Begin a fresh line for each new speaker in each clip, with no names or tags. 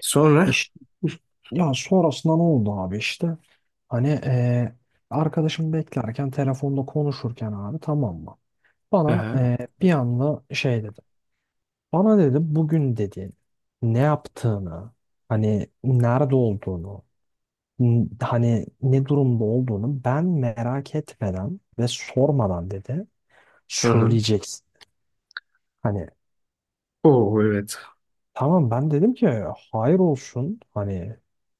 Sonra?
İşte, ya sonrasında ne oldu abi işte hani arkadaşım beklerken telefonda konuşurken abi tamam mı? Bana
Aha.
bir anda şey dedi. Bana dedi bugün dedi ne yaptığını hani nerede olduğunu hani ne durumda olduğunu ben merak etmeden ve sormadan dedi
Hı hı. Hı.
söyleyeceksin. Hani
Oo evet.
tamam, ben dedim ki hayır olsun hani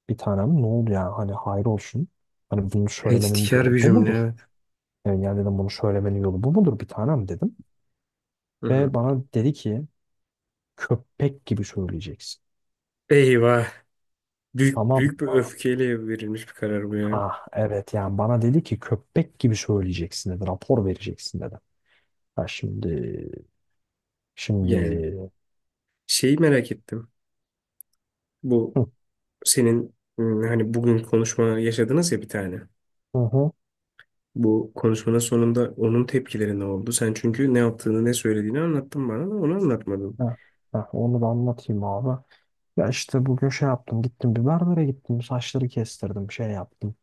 bir tanem ne oldu ya hani hayır olsun. Hani bunu söylemenin
Tehditkar
yolu
bir
bu
cümle.
mudur?
Evet.
Yani, yani dedim bunu söylemenin yolu bu mudur bir tanem dedim.
Hı hı.
Ve bana dedi ki köpek gibi söyleyeceksin.
Eyvah. Büyük,
Tamam
büyük bir
mı?
öfkeyle verilmiş bir karar bu ya.
Ha evet, yani bana dedi ki köpek gibi söyleyeceksin dedi, rapor vereceksin dedi. Ha şimdi, şimdi
Yani şeyi merak ettim. Bu
hı
senin hani bugün konuşma yaşadınız ya bir tane.
hı hı.
Bu konuşmanın sonunda onun tepkileri ne oldu? Sen çünkü ne yaptığını ne söylediğini anlattın bana da onu anlatmadın.
Ha, ha, onu da anlatayım abi. Ya işte bugün şey yaptım, gittim bir berbere gittim, saçları kestirdim, şey yaptım.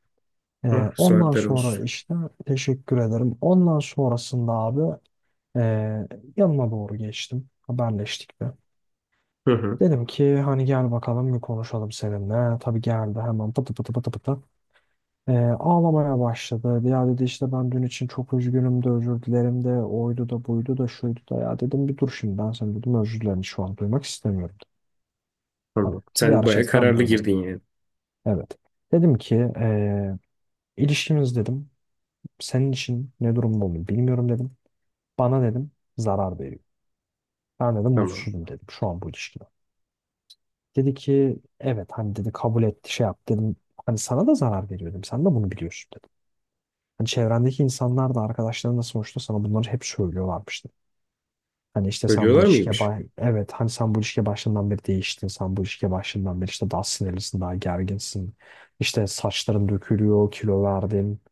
Ee,
Ah,
Ondan
saatler
sonra
olsun.
işte teşekkür ederim. Ondan sonrasında abi ee, yanına doğru geçtim. Haberleştik de.
Hı hı.
Dedim ki hani gel bakalım bir konuşalım seninle. Tabii geldi hemen pıtı pıtı pıtı pıtı. Ağlamaya başladı. Ya dedi işte ben dün için çok üzgünüm de özür dilerim de oydu da buydu da şuydu da, ya dedim bir dur şimdi, ben sana dedim özür dilerim şu an duymak istemiyorum. Hani
Tamam. Sen baya
gerçekten
kararlı
böyle.
girdin yani.
Evet. Dedim ki ilişkimiz dedim senin için ne durumda olduğunu bilmiyorum dedim. Bana dedim zarar veriyor. Ben dedim
Tamam.
mutsuzum dedim şu an bu ilişkiden. Dedi ki evet hani dedi, kabul etti, şey yaptı dedim. Hani sana da zarar veriyor dedim. Sen de bunu biliyorsun dedim. Hani çevrendeki insanlar da arkadaşların da sonuçta sana bunları hep söylüyorlarmıştı. Hani işte sen bu
Ölüyorlar
ilişkiye
mıymış?
evet hani sen bu ilişkiye başından beri değiştin. Sen bu ilişkiye başından beri işte daha sinirlisin, daha gerginsin. İşte saçların dökülüyor, kilo verdin.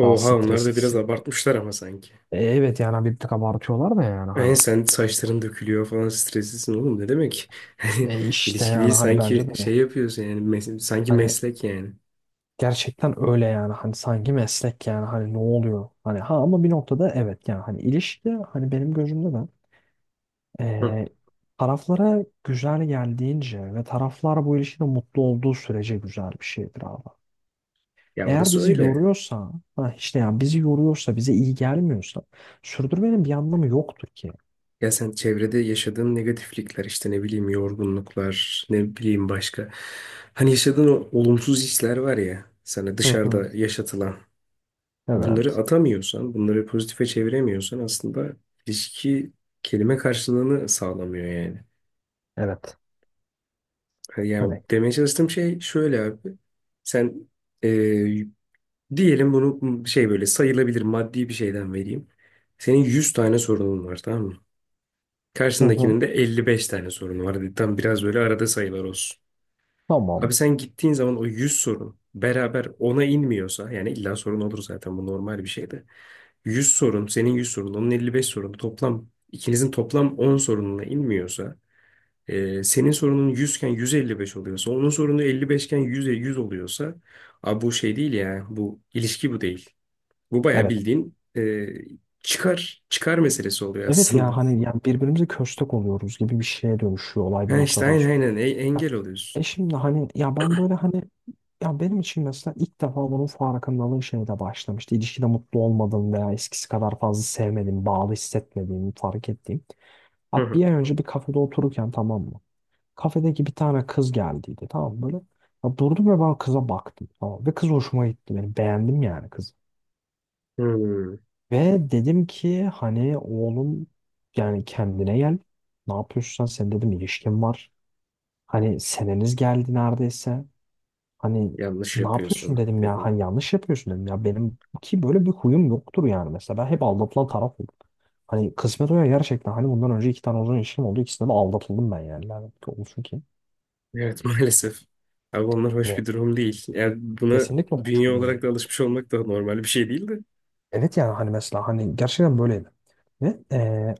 Daha
onlar da biraz
streslisin.
abartmışlar ama sanki.
E, evet yani bir tık abartıyorlar da yani
Yani
hani.
sen saçların dökülüyor falan streslisin oğlum ne demek?
E işte
İlişki değil
yani hani bence de.
sanki şey yapıyorsun yani sanki
Hani
meslek yani.
gerçekten öyle yani, hani sanki meslek yani, hani ne oluyor hani ha, ama bir noktada evet yani hani ilişki hani benim gözümde de
Hı.
eee, taraflara güzel geldiğince ve taraflar bu ilişkide mutlu olduğu sürece güzel bir şeydir abi.
Ya
Eğer
orası
bizi
öyle.
yoruyorsa ha işte yani bizi yoruyorsa bize iyi gelmiyorsa sürdürmenin bir anlamı yoktur ki.
Ya sen çevrede yaşadığın negatiflikler işte ne bileyim yorgunluklar ne bileyim başka. Hani yaşadığın o olumsuz hisler var ya sana
Hı hı.
dışarıda yaşatılan. Bunları
Evet.
atamıyorsan bunları pozitife çeviremiyorsan aslında ilişki kelime karşılığını sağlamıyor yani.
Evet.
E, yani
Hani,
demeye çalıştığım şey şöyle abi. Sen e, diyelim bunu şey böyle sayılabilir maddi bir şeyden vereyim. Senin 100 tane sorunun var tamam mı?
hı hı.
Karşındakinin de 55 tane sorunu var. Hadi tam biraz böyle arada sayılar olsun.
Tamam.
Abi sen gittiğin zaman o 100 sorun beraber ona inmiyorsa yani illa sorun olur zaten bu normal bir şey de. 100 sorun senin 100 sorun onun 55 sorunu toplam ikinizin toplam 10 sorununa inmiyorsa senin sorunun 100 iken 155 oluyorsa, onun sorunu 55 iken 100'e 100 oluyorsa, abi bu şey değil ya, bu ilişki bu değil. Bu bayağı
Evet,
bildiğin çıkar, çıkar meselesi oluyor
evet, ya
aslında.
hani yani birbirimize köstek oluyoruz gibi bir şeye dönüşüyor olay bir
Ha işte
noktadan
aynen
sonra.
aynen
Ha,
engel
e
oluyorsun.
şimdi hani ya ben böyle hani, ya benim için mesela ilk defa bunun farkındalığı şeyde başlamıştı. İlişkide mutlu olmadığım veya eskisi kadar fazla sevmediğim, bağlı hissetmediğimi fark ettiğim.
Hı
Abi
hı.
bir ay önce bir kafede otururken tamam mı? Kafedeki bir tane kız geldiydi tamam mı, böyle. Ya durdum ve ben kıza baktım, tamam mı? Ve kız hoşuma gitti benim. Beğendim yani kızı.
Hmm,
Ve dedim ki hani oğlum, yani kendine gel. Ne yapıyorsun sen? Senin dedim ilişkin var. Hani seneniz geldi neredeyse. Hani
yanlış
ne yapıyorsun
yapıyorsun
dedim ya.
dedin.
Hani yanlış yapıyorsun dedim ya. Benim ki böyle bir huyum yoktur yani. Mesela ben hep aldatılan taraf oldum. Hani kısmet o ya gerçekten. Hani bundan önce iki tane uzun ilişkim oldu. İkisinde de aldatıldım ben yani. Lanet olsun ki.
Evet maalesef. Abi onlar hoş
Hani
bir durum değil. Yani buna
kesinlikle hoş
bünye
bir durum
olarak
değil.
da alışmış olmak da normal bir şey değil de.
Evet yani hani mesela hani gerçekten böyleydi. Ve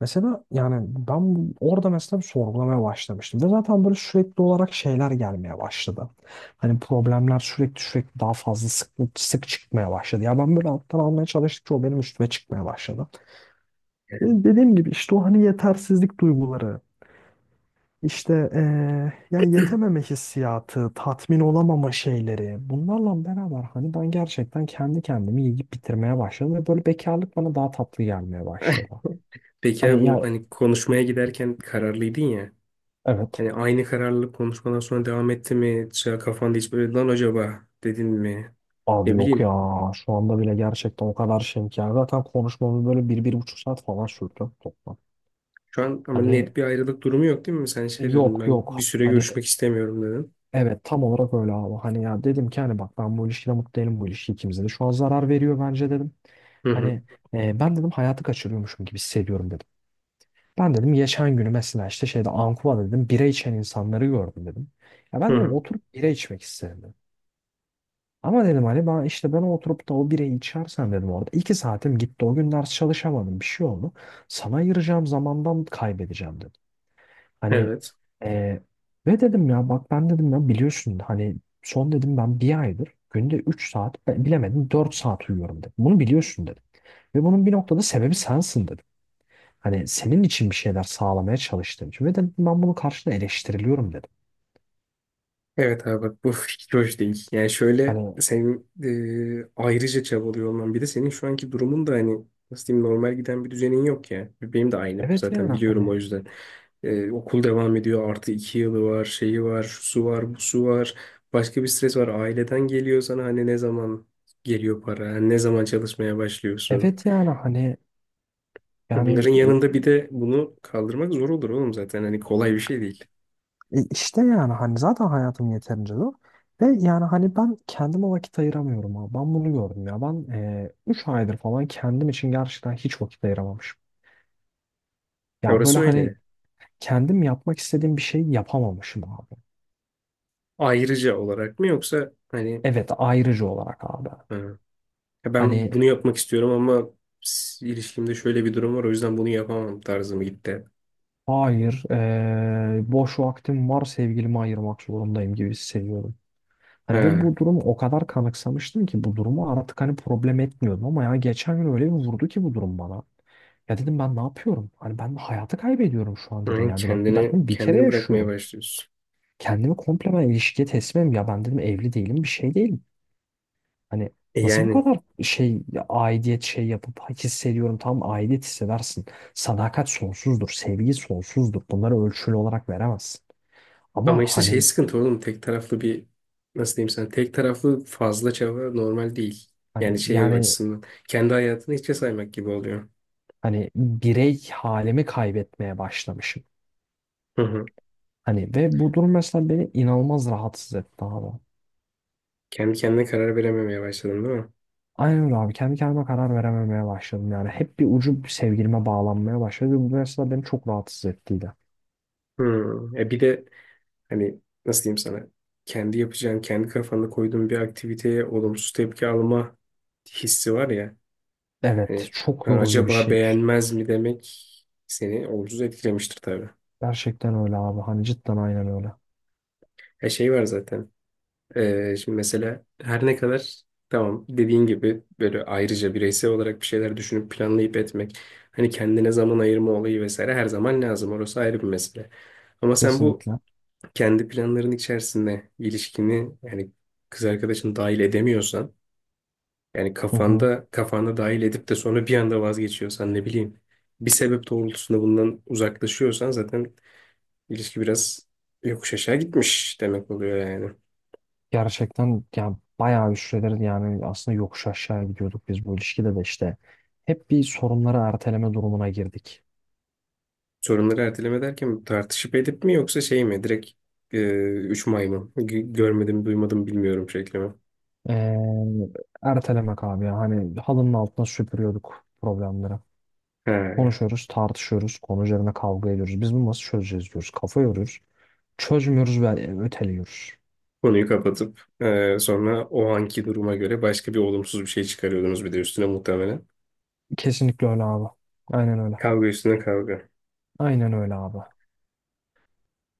mesela yani ben orada mesela bir sorgulamaya başlamıştım. Ve zaten böyle sürekli olarak şeyler gelmeye başladı. Hani problemler sürekli sürekli daha fazla sık, sık çıkmaya başladı. Ya ben böyle alttan almaya çalıştıkça o benim üstüme çıkmaya başladı.
Yani.
Ve dediğim gibi işte o hani yetersizlik duyguları, işte yani yetememe hissiyatı, tatmin olamama şeyleri. Bunlarla beraber hani ben gerçekten kendi kendimi yiyip bitirmeye başladım. Ve böyle bekarlık bana daha tatlı gelmeye başladı.
Peki abi
Hani
bu
ya
hani konuşmaya giderken kararlıydın ya.
evet.
Hani aynı kararlılık konuşmadan sonra devam etti mi? Mesela kafanda hiç böyle lan acaba dedin mi?
Abi
Ne
yok ya,
bileyim.
şu anda bile gerçekten o kadar şeyim ki. Yani zaten konuşmamız böyle bir, bir buçuk saat falan sürdü toplam.
Şu an ama
Hani
net bir ayrılık durumu yok değil mi? Sen şey dedin
yok
ben
yok
bir süre
hani,
görüşmek istemiyorum dedin.
evet tam olarak öyle abi. Hani ya dedim ki hani bak ben bu ilişkide mutlu değilim, bu ilişki ikimize de şu an zarar veriyor bence dedim.
Hı hı.
Hani ben dedim hayatı kaçırıyormuşum gibi hissediyorum dedim. Ben dedim geçen günü mesela işte şeyde Ankuva'da dedim bira içen insanları gördüm dedim. Ya
Hı
ben dedim
hı.
oturup bira içmek istedim. Ama dedim hani ben işte ben oturup da o bireyi içersem dedim orada 2 saatim gitti. O gün ders çalışamadım. Bir şey oldu. Sana ayıracağım zamandan kaybedeceğim dedim. Hani
Evet.
e, ve dedim ya bak ben dedim ya biliyorsun hani son dedim ben bir aydır günde 3 saat bilemedim 4 saat uyuyorum dedim. Bunu biliyorsun dedim. Ve bunun bir noktada sebebi sensin dedim. Hani senin için bir şeyler sağlamaya çalıştığım için. Ve dedim ben bunun karşına eleştiriliyorum dedim.
Evet abi bak bu fikir hoş değil. Yani şöyle
Hani
senin ayrıca çabalıyor olman bir de senin şu anki durumun da hani nasıl diyeyim normal giden bir düzenin yok ya. Benim de aynı
evet
zaten
yani
biliyorum o
hani
yüzden. Okul devam ediyor. Artı 2 yılı var, şeyi var, şusu var, busu var. Başka bir stres var. Aileden geliyor sana hani ne zaman geliyor para, hani ne zaman çalışmaya başlıyorsun.
evet yani hani
Bunların
yani
yanında bir de bunu kaldırmak zor olur oğlum zaten. Hani kolay bir şey değil.
İşte yani hani zaten hayatım yeterince zor. Ve yani hani ben kendime vakit ayıramıyorum abi. Ben bunu gördüm ya. Ben 3 aydır falan kendim için gerçekten hiç vakit ayıramamışım.
Ya
Ya böyle
orası
hani
öyle.
kendim yapmak istediğim bir şey yapamamışım abi.
Ayrıca olarak mı yoksa hani
Evet, ayrıcı olarak abi.
ha, ya
Hani
ben bunu yapmak istiyorum ama ilişkimde şöyle bir durum var o yüzden bunu yapamam tarzı mı gitti?
hayır, boş vaktim var sevgilime ayırmak zorundayım gibi hissediyorum. Hani ve
Ha,
bu durumu o kadar kanıksamıştım ki bu durumu artık hani problem etmiyordum, ama ya geçen gün öyle bir vurdu ki bu durum bana. Ya dedim ben ne yapıyorum? Hani ben hayatı kaybediyorum şu an dedim
yani
ya bir nokta. Ben
kendini
dedim bir kere
kendini bırakmaya
yaşıyorum.
başlıyorsun.
Kendimi komple ben ilişkiye teslimim ya, ben dedim evli değilim, bir şey değilim. Hani
E,
nasıl bu
yani.
kadar şey ya, aidiyet şey yapıp hissediyorum, tam aidiyet hissedersin. Sadakat sonsuzdur, sevgi sonsuzdur. Bunları ölçülü olarak veremezsin. Ama
Ama işte şey
hani
sıkıntı oğlum tek taraflı bir nasıl diyeyim sana tek taraflı fazla çaba normal değil. Yani şey
yani
açısından kendi hayatını hiçe saymak gibi oluyor.
hani birey halimi kaybetmeye başlamışım.
Hı hı.
Hani ve bu durum mesela beni inanılmaz rahatsız etti abi.
Kendi kendine karar verememeye başladım değil mi?
Aynen öyle abi. Kendi kendime karar verememeye başladım yani. Hep bir ucu sevgilime bağlanmaya başladı. Ve bu mesela beni çok rahatsız ettiydi.
Hı. E, bir de hani nasıl diyeyim sana kendi yapacağın kendi kafanda koyduğun bir aktiviteye olumsuz tepki alma hissi var ya
Evet,
hani
çok
ben
yorucu bir
acaba
şey.
beğenmez mi demek seni olumsuz etkilemiştir tabii.
Gerçekten öyle abi. Hani cidden aynen öyle.
E, şey var zaten. Şimdi mesela her ne kadar tamam dediğin gibi böyle ayrıca bireysel olarak bir şeyler düşünüp planlayıp etmek hani kendine zaman ayırma olayı vesaire her zaman lazım orası ayrı bir mesele. Ama sen bu
Kesinlikle.
kendi planların içerisinde ilişkini yani kız arkadaşını dahil edemiyorsan yani
Hı hı.
kafanda dahil edip de sonra bir anda vazgeçiyorsan ne bileyim bir sebep doğrultusunda bundan uzaklaşıyorsan zaten ilişki biraz yokuş aşağı gitmiş demek oluyor yani.
Gerçekten yani bayağı bir süredir yani aslında yokuş aşağı gidiyorduk biz bu ilişkide de işte. Hep bir sorunları erteleme durumuna girdik.
Sorunları erteleme derken tartışıp edip mi yoksa şey mi? Direkt e, üç maymun. Görmedim, duymadım, bilmiyorum şekli.
Ee, Ertelemek abi ya. Hani halının altına süpürüyorduk problemleri.
He.
Konuşuyoruz, tartışıyoruz, konu üzerine kavga ediyoruz. Biz bunu nasıl çözeceğiz diyoruz. Kafa yoruyoruz. Çözmüyoruz ve öteliyoruz.
Konuyu kapatıp sonra o anki duruma göre başka bir olumsuz bir şey çıkarıyordunuz bir de üstüne muhtemelen.
Kesinlikle öyle abi. Aynen öyle.
Kavga üstüne kavga.
Aynen öyle abi.